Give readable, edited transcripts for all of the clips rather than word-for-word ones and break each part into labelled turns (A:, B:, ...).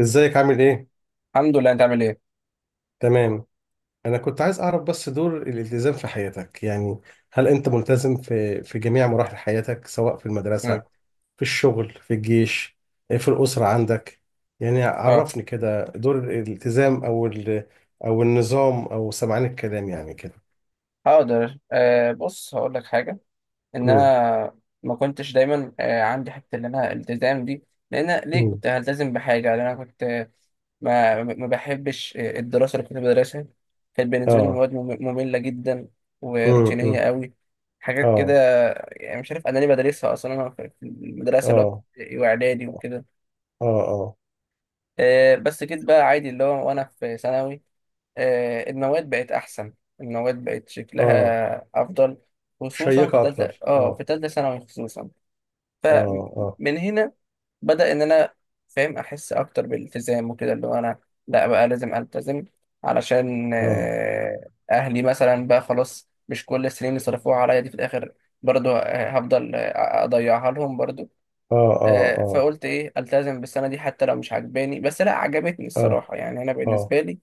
A: ازيك عامل ايه؟
B: الحمد لله، انت عامل ايه؟
A: تمام. انا كنت عايز اعرف بس دور الالتزام في حياتك يعني، هل انت ملتزم في جميع مراحل حياتك؟ سواء في المدرسة،
B: مم.
A: في الشغل، في الجيش، في الأسرة عندك. يعني
B: اه.
A: عرفني كده دور الالتزام او النظام او سمعان الكلام يعني كده.
B: هقدر، بص هقول لك حاجه. ان
A: امم.
B: انا ما كنتش دايما عندي حته ان انا التزام دي، لان أنا ليه
A: امم.
B: كنت هلتزم بحاجه؟ لان انا كنت، ما بحبش، الدراسه اللي كنت بدرسها كانت بالنسبه لي
A: اه.
B: مواد ممله جدا
A: امم. امم.
B: وروتينيه قوي، حاجات كده.
A: اه.
B: يعني مش عارف انا ليه بدرسها اصلا انا في المدرسه اللي هو
A: اه.
B: ابتدائي واعدادي وكده.
A: اه. اه.
B: بس جيت بقى عادي اللي هو وانا في ثانوي، المواد بقت احسن، المواد بقت
A: اه.
B: شكلها افضل، خصوصا
A: شيقة اكتر،
B: في
A: اه.
B: تالتة ثانوي خصوصا.
A: اه. اه.
B: فمن هنا بدأ ان انا فاهم، احس اكتر بالالتزام وكده، اللي هو انا لا بقى لازم التزم، علشان
A: اه.
B: اهلي مثلا بقى خلاص مش كل السنين اللي صرفوها عليا دي في الاخر برضو هفضل اضيعها لهم برضو.
A: اه. اه.
B: فقلت ايه، التزم بالسنه دي حتى لو مش عجباني، بس لا، عجبتني
A: اه.
B: الصراحه. يعني انا
A: اه.
B: بالنسبه لي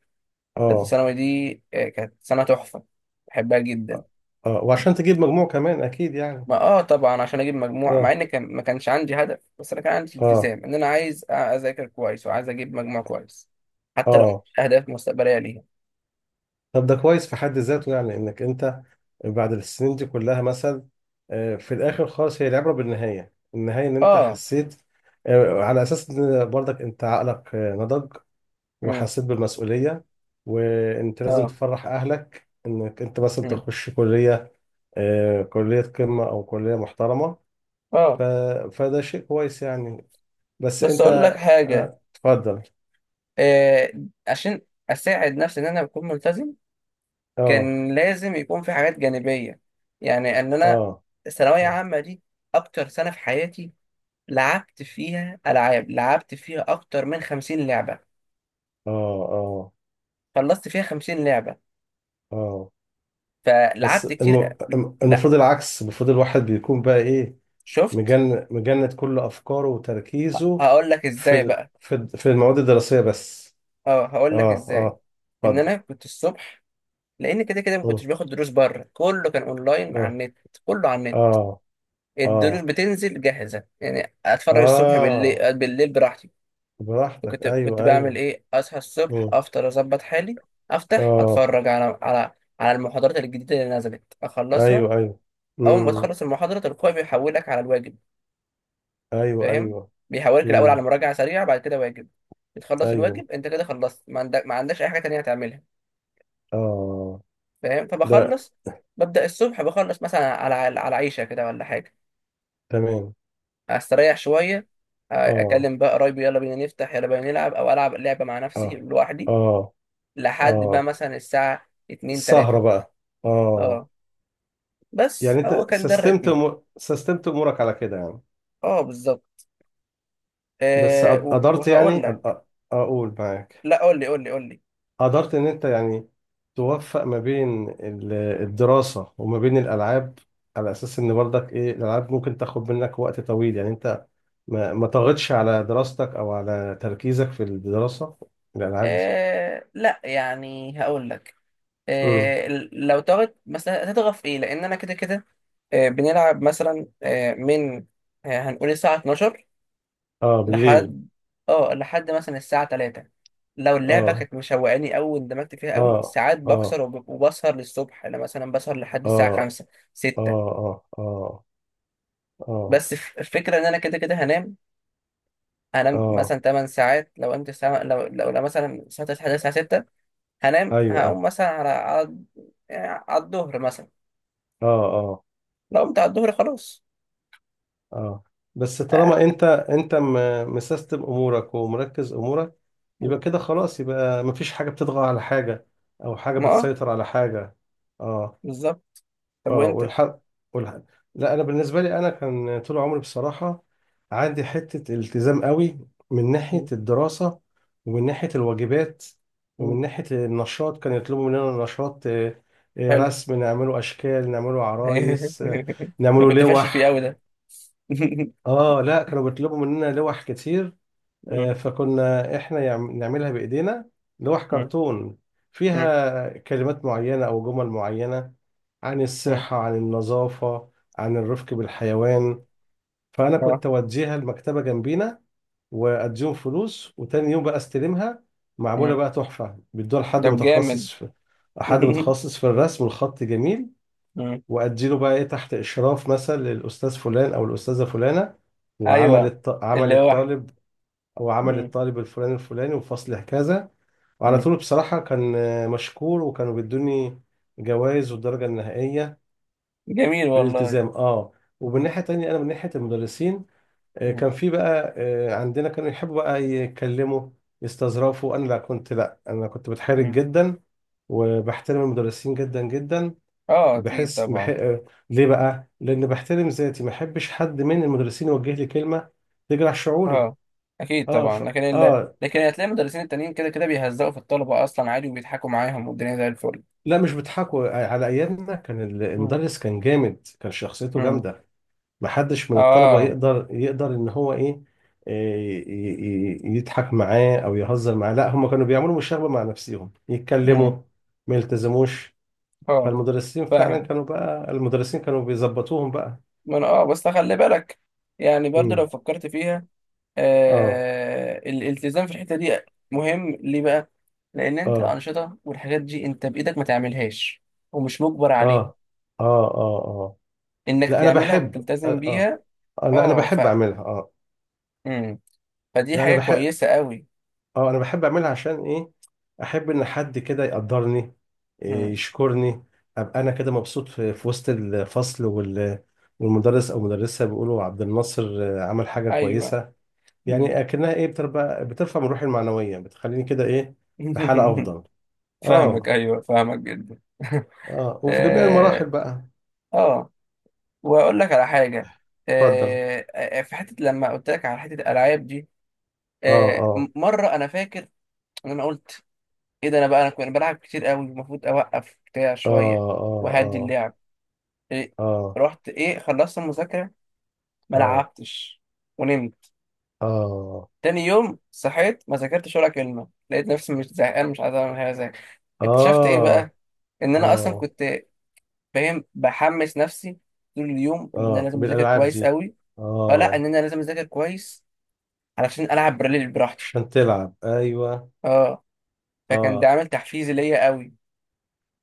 B: ثالثه
A: اه.
B: ثانوي دي كانت سنه تحفه، بحبها جدا.
A: اه. وعشان تجيب مجموع كمان اكيد يعني.
B: ما طبعا عشان اجيب مجموع، مع
A: اه.
B: ان كان ما كانش عندي هدف، بس انا كان عندي
A: اه.
B: التزام ان انا عايز اذاكر كويس وعايز اجيب مجموع كويس، حتى لو
A: اه.
B: مش اهداف مستقبليه ليها.
A: طب ده كويس في حد ذاته، يعني انك انت بعد السنين دي كلها مثلا في الاخر خالص، هي العبره بالنهايه، ان انت
B: اه.
A: حسيت، على اساس ان برضك انت عقلك نضج،
B: امم.
A: وحسيت بالمسؤوليه، وانت لازم
B: اه.
A: تفرح اهلك انك انت مثلا
B: امم.
A: تخش كليه، كليه قمه او كليه محترمه.
B: اه.
A: ف... فده شيء كويس يعني. بس
B: بس
A: انت
B: اقول لك حاجه.
A: اتفضل.
B: آه عشان اساعد نفسي ان انا بكون ملتزم،
A: اه.
B: كان لازم يكون في حاجات جانبية. يعني ان انا
A: اه.
B: الثانوية
A: اه.
B: عامة دي اكتر سنة في حياتي، لعبت فيها العاب، لعبت فيها اكتر من 50 لعبة،
A: اه.
B: خلصت فيها 50 لعبة،
A: اه. بس
B: فلعبت
A: الم-
B: كتير. لا،
A: المفروض العكس، المفروض الواحد بيكون بقى ايه؟
B: شفت،
A: مجند كل افكاره وتركيزه
B: هقول لك ازاي بقى.
A: في المواد الدراسيه بس.
B: اه، هقول
A: اه.
B: لك ازاي.
A: اه.
B: ان
A: اتفضل.
B: انا كنت الصبح، لان كده كده ما
A: مم.
B: كنتش باخد دروس بره، كله كان اونلاين على
A: اه.
B: النت. كله على النت،
A: اه.
B: الدروس
A: اه.
B: بتنزل جاهزة، يعني اتفرج الصبح
A: اه.
B: بالليل براحتي.
A: براحتك،
B: كنت
A: ايوه
B: بعمل
A: ايوه.
B: ايه، اصحى الصبح
A: مم.
B: افطر اظبط حالي، افتح
A: اه.
B: اتفرج على المحاضرات الجديده اللي نزلت اخلصها.
A: ايوه ايوه.
B: اول ما
A: امم.
B: بتخلص المحاضره تلقائي بيحولك على الواجب،
A: ايوه
B: فاهم؟
A: ايوه.
B: بيحولك الاول على
A: امم.
B: مراجعه سريعه، بعد كده واجب. بتخلص
A: ايوه.
B: الواجب، انت كده خلصت، ما عندكش اي حاجه تانية هتعملها،
A: اه.
B: فاهم؟
A: ده
B: فبخلص، ببدا الصبح بخلص مثلا على عيشه كده ولا حاجه،
A: تمام.
B: استريح شويه،
A: اه.
B: اكلم بقى قرايبي، يلا بينا نفتح، يلا بينا نلعب او العب لعبه مع نفسي
A: اه.
B: لوحدي،
A: اه.
B: لحد بقى
A: اه.
B: مثلا الساعه 2، 3.
A: السهرة بقى، اه.
B: اه، بس
A: يعني
B: هو
A: انت
B: كان ده الريتم.
A: سستمت امورك على كده يعني.
B: اه بالظبط.
A: قدرت
B: وهقول
A: يعني
B: لك.
A: اقول معاك،
B: لا، قول لي قول لي قول لي.
A: قدرت ان انت يعني توفق ما بين الدراسة وما بين الالعاب، على اساس ان برضك ايه، الالعاب ممكن تاخد منك وقت طويل. يعني انت ما طغتش على دراستك او على تركيزك في الدراسة الالعاب دي؟
B: لا يعني هقول لك.
A: امم.
B: لو تغط مثلا هتضغط في ايه، لان انا كده كده بنلعب مثلا من، هنقول الساعه 12
A: اه بالليل.
B: لحد، مثلا الساعه 3. لو اللعبه
A: اه.
B: كانت مشوقاني قوي واندمجت فيها قوي،
A: اه.
B: ساعات
A: اه.
B: بكسر وبسهر للصبح، انا مثلا بسهر لحد الساعه
A: اه.
B: 5،
A: اه.
B: 6.
A: اه. اه. اه. اه.
B: بس الفكره ان انا كده كده هنام
A: آه.
B: مثلا 8 ساعات. لو قمت الساعة، لو مثلا الساعة 9 لحد الساعة 6، هنام، هقوم
A: ايوه.
B: مثلا على يعني على الظهر مثلا.
A: اه. اه.
B: لو قمت على الظهر خلاص.
A: اه. بس
B: آه،
A: طالما انت مسيستم امورك ومركز امورك، يبقى كده خلاص، يبقى مفيش حاجه بتطغى على حاجه او حاجه
B: ما
A: بتسيطر على حاجه. اه.
B: بالظبط. طب
A: اه.
B: وانت؟
A: والحق، والحق، لا انا بالنسبه لي، انا كان طول عمري بصراحه عندي حته التزام قوي، من ناحيه
B: م-
A: الدراسه، ومن ناحيه الواجبات،
B: م-
A: ومن ناحيه النشاط. كان يطلبوا مننا نشاط
B: حلو.
A: رسم، نعمله اشكال، نعمله عرايس،
B: انا
A: نعمله
B: كنت فاشل فيه قوي
A: لوح.
B: ده.
A: اه، لا كانوا بيطلبوا مننا لوح كتير.
B: م- م-
A: فكنا احنا نعملها بايدينا، لوح كرتون
B: م-
A: فيها كلمات معينة او جمل معينة عن
B: م-
A: الصحة، عن النظافة، عن الرفق بالحيوان. فانا
B: اه.
A: كنت اوديها المكتبة جنبينا واديهم فلوس، وتاني يوم بقى استلمها معمولة
B: م.
A: بقى تحفة. بيدوها لحد
B: طب جامد.
A: متخصص في، حد متخصص في الرسم والخط جميل،
B: م.
A: واديله بقى ايه تحت اشراف مثلا للاستاذ فلان او الاستاذه فلانه.
B: ايوه،
A: عمل
B: اللوح.
A: الطالب، او عمل
B: م-
A: الطالب الفلاني الفلاني وفصل كذا. وعلى
B: م.
A: طول بصراحه كان مشكور، وكانوا بيدوني جوائز والدرجه النهائيه
B: جميل والله.
A: بالالتزام، اه. ومن
B: م-
A: ناحيه تانية انا من ناحيه المدرسين،
B: م-
A: كان في بقى عندنا كانوا يحبوا بقى يتكلموا يستظرفوا. انا لا كنت، لا انا كنت بتحرج
B: م.
A: جدا وبحترم المدرسين جدا جدا.
B: اه اكيد طبعا.
A: ليه بقى؟ لأن بحترم ذاتي، ما أحبش حد من المدرسين يوجه لي كلمة تجرح شعوري.
B: اه اكيد
A: اه.
B: طبعا،
A: اه،
B: لكن هتلاقي المدرسين التانيين كده كده بيهزقوا في الطلبه اصلا عادي، وبيضحكوا معاهم والدنيا زي الفل.
A: لا مش بيضحكوا، على أيامنا كان
B: مم.
A: المدرس كان جامد، كان شخصيته
B: مم.
A: جامدة. ما حدش من الطلبة
B: اه.
A: يقدر إن هو إيه، يضحك معاه أو يهزر معاه. لا، هم كانوا بيعملوا مشاغبة مع نفسهم يتكلموا
B: مم.
A: ما يلتزموش.
B: اه،
A: فالمدرسين فعلا
B: فاهم.
A: كانوا بقى، المدرسين كانوا بيظبطوهم بقى.
B: ما انا، اه، بس خلي بالك، يعني برضو لو
A: امم.
B: فكرت فيها،
A: اه.
B: الالتزام في الحته دي مهم ليه بقى؟ لان انت
A: اه.
B: الانشطه والحاجات دي انت بايدك، ما تعملهاش ومش مجبر عليها،
A: اه. اه. اه. اه.
B: انك
A: لا انا
B: تعملها
A: بحب، آه,
B: وتلتزم
A: اه
B: بيها.
A: لا انا
B: اه،
A: بحب اعملها، اه.
B: مم. فدي
A: لا انا
B: حاجه
A: بحب.
B: كويسه قوي.
A: اه انا بحب اعملها عشان ايه؟ احب ان حد كده يقدرني، إيه،
B: مم.
A: يشكرني، ابقى انا كده مبسوط في وسط الفصل والمدرس او مدرسة بيقولوا عبد الناصر عمل حاجة
B: ايوه.
A: كويسة.
B: مم.
A: يعني اكنها ايه، بترفع بترفع من روحي المعنوية، بتخليني كده ايه، في حالة افضل.
B: فاهمك،
A: اه.
B: ايوه فاهمك جدا.
A: اه. وفي جميع المراحل
B: اه.
A: بقى.
B: آه. واقول لك على حاجه.
A: اتفضل.
B: في حته لما قلت لك على حته الالعاب دي،
A: اه. اه.
B: مره انا فاكر ان انا قلت ايه ده، انا كنت بلعب كتير قوي، المفروض اوقف بتاع
A: اه.
B: شويه وهدي
A: اه.
B: اللعب. إيه،
A: اه. اه.
B: رحت ايه، خلصت المذاكره، ما
A: اه.
B: لعبتش، ونمت.
A: اه.
B: تاني يوم صحيت ما ذاكرتش ولا كلمه، لقيت نفسي مش زهقان، مش عايز اعمل حاجه زي. اكتشفت ايه
A: اه.
B: بقى، ان انا اصلا
A: اه.
B: كنت، فاهم، بحمس نفسي طول اليوم ان انا
A: اه
B: لازم اذاكر
A: بالالعاب
B: كويس
A: دي.
B: قوي. اه لا، ان
A: اه،
B: انا لازم اذاكر كويس علشان العب براليل براحتي.
A: عشان تلعب، ايوه.
B: اه، فكان ده
A: اه.
B: عامل تحفيزي ليا قوي.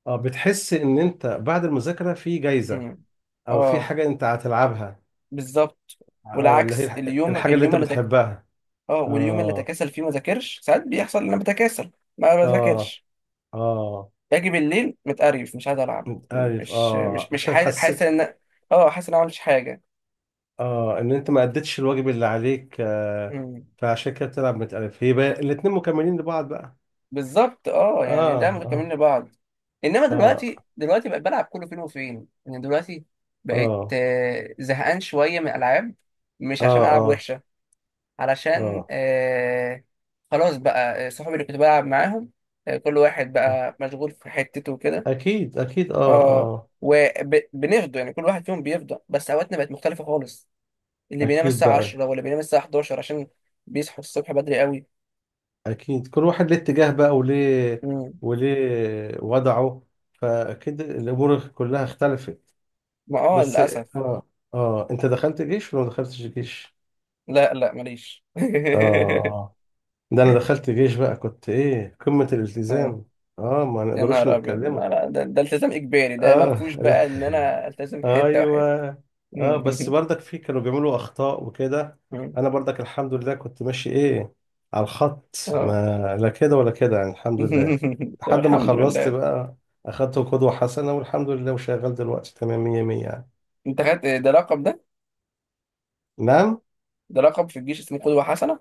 A: اه. بتحس ان انت بعد المذاكره في جايزه،
B: امم.
A: او في
B: اه
A: حاجه انت هتلعبها.
B: بالظبط.
A: اه، اللي هي
B: والعكس، اليوم
A: الحاجه اللي
B: اليوم
A: انت
B: اللي تك...
A: بتحبها.
B: اه، واليوم اللي
A: اه.
B: اتكاسل فيه ما ذاكرش، ساعات بيحصل ان انا بتكاسل ما
A: اه.
B: بذاكرش،
A: اه.
B: باجي بالليل متقرف، مش عايز العب،
A: انت عارف،
B: مش
A: اه
B: مش مش
A: عشان
B: حاسس
A: حس.
B: حاسس ان، اه، حاسس ان انا ما عملتش حاجه.
A: اه ان انت ما اديتش الواجب اللي عليك،
B: مم
A: فعشان كده بتلعب متألف. هي بقى الاتنين مكملين لبعض بقى.
B: بالظبط، اه، يعني
A: اه.
B: ده مكملين
A: اه.
B: لبعض. انما دلوقتي
A: اه.
B: دلوقتي بقيت بلعب كله فين وفين، يعني دلوقتي بقيت
A: اه.
B: زهقان شويه من الالعاب، مش
A: اه.
B: عشان العب
A: آه.
B: وحشه، علشان
A: اه.
B: خلاص بقى صحابي اللي كنت بلعب معاهم كل واحد
A: آه.
B: بقى مشغول في حتته وكده.
A: اكيد اكيد، اه.
B: اه،
A: اه.
B: وبنفضوا يعني، كل واحد فيهم بيفضى، بس اوقاتنا بقت مختلفه خالص، اللي بينام
A: اكيد
B: الساعه
A: بقى.
B: 10 واللي بينام الساعه 11 عشان بيصحوا الصبح بدري قوي.
A: اكيد كل واحد ليه اتجاه بقى، وليه،
B: مم.
A: وليه وضعه، فاكيد الامور كلها اختلفت.
B: ما
A: بس
B: للاسف.
A: اه. اه انت دخلت جيش ولا ما دخلتش جيش؟
B: لا لا، ماليش.
A: اه. آه. ده انا دخلت جيش بقى كنت ايه قمة
B: اه،
A: الالتزام. اه، ما
B: يا
A: نقدروش
B: نهار ابيض،
A: نتكلموا.
B: ما لا، ده التزام اجباري، ده ما
A: اه،
B: فيهوش
A: لا.
B: بقى ان انا التزم في حته
A: ايوه.
B: وحته.
A: اه، بس برضك في كانوا بيعملوا اخطاء وكده. انا برضك الحمد لله كنت ماشي ايه، على الخط،
B: اه.
A: ما لا كده ولا كده يعني، الحمد لله.
B: طب
A: لحد ما
B: الحمد
A: خلصت
B: لله.
A: بقى اخدت قدوة حسنة والحمد لله، وشغال دلوقتي تمام 100 100 يعني.
B: انت خدت ده لقب ده؟
A: نعم.
B: ده لقب في الجيش اسمه قدوه حسنه.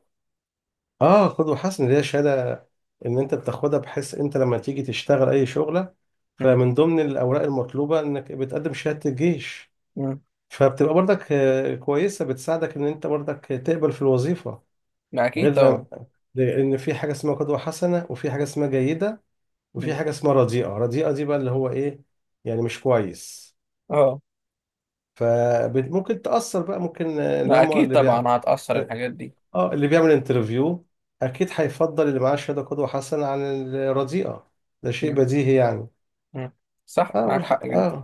A: اه، قدوة حسنة اللي هي شهادة ان انت بتاخدها، بحيث انت لما تيجي تشتغل اي شغلة،
B: مم.
A: فمن ضمن الاوراق المطلوبة انك بتقدم شهادة الجيش.
B: مم.
A: فبتبقى برضك كويسة بتساعدك ان انت برضك تقبل في الوظيفة.
B: ما اكيد
A: غير
B: طبعا.
A: لو، لأن في حاجة اسمها قدوة حسنة، وفي حاجة اسمها جيدة، وفي
B: مم.
A: حاجة اسمها رديئة. رديئة دي بقى اللي هو إيه، يعني مش كويس.
B: اه،
A: فممكن تأثر بقى، ممكن اللي
B: ما
A: هم
B: اكيد
A: اللي بيع،
B: طبعا هتاثر الحاجات دي.
A: اه اللي بيعمل انترفيو، أكيد هيفضل اللي معاه شهادة قدوة حسنة عن الرديئة. ده شيء
B: مم.
A: بديهي يعني.
B: مم. صح،
A: اه
B: معاك حق
A: اه،
B: جدا.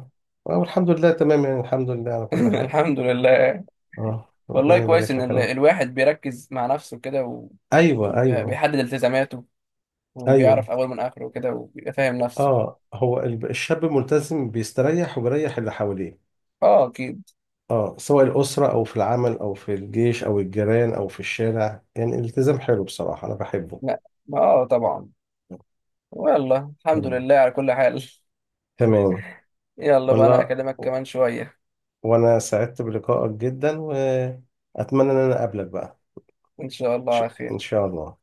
A: والحمد لله تمام يعني، الحمد لله على كل حاجة.
B: الحمد لله.
A: اه،
B: والله
A: ربنا
B: كويس
A: يبارك
B: ان
A: لك يا رب.
B: الواحد بيركز مع نفسه كده
A: ايوه ايوه.
B: بيحدد التزاماته، وبيعرف
A: ايوه.
B: أول من آخره وكده، وبيبقى فاهم نفسه.
A: اه، هو الشاب الملتزم بيستريح وبيريح اللي حواليه.
B: اه أكيد.
A: اه، سواء الأسرة أو في العمل أو في الجيش أو الجيران أو في الشارع. يعني الالتزام حلو بصراحة، أنا بحبه.
B: لا، ما طبعا. والله الحمد
A: مم.
B: لله على كل حال.
A: تمام.
B: يلا بقى، أنا
A: والله
B: هكلمك كمان شوية.
A: وأنا سعدت بلقائك جدا، وأتمنى إن أنا أقابلك بقى.
B: إن شاء الله على خير.
A: إن شاء الله.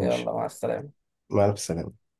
B: يلا، مع السلامة.
A: مع السلامة.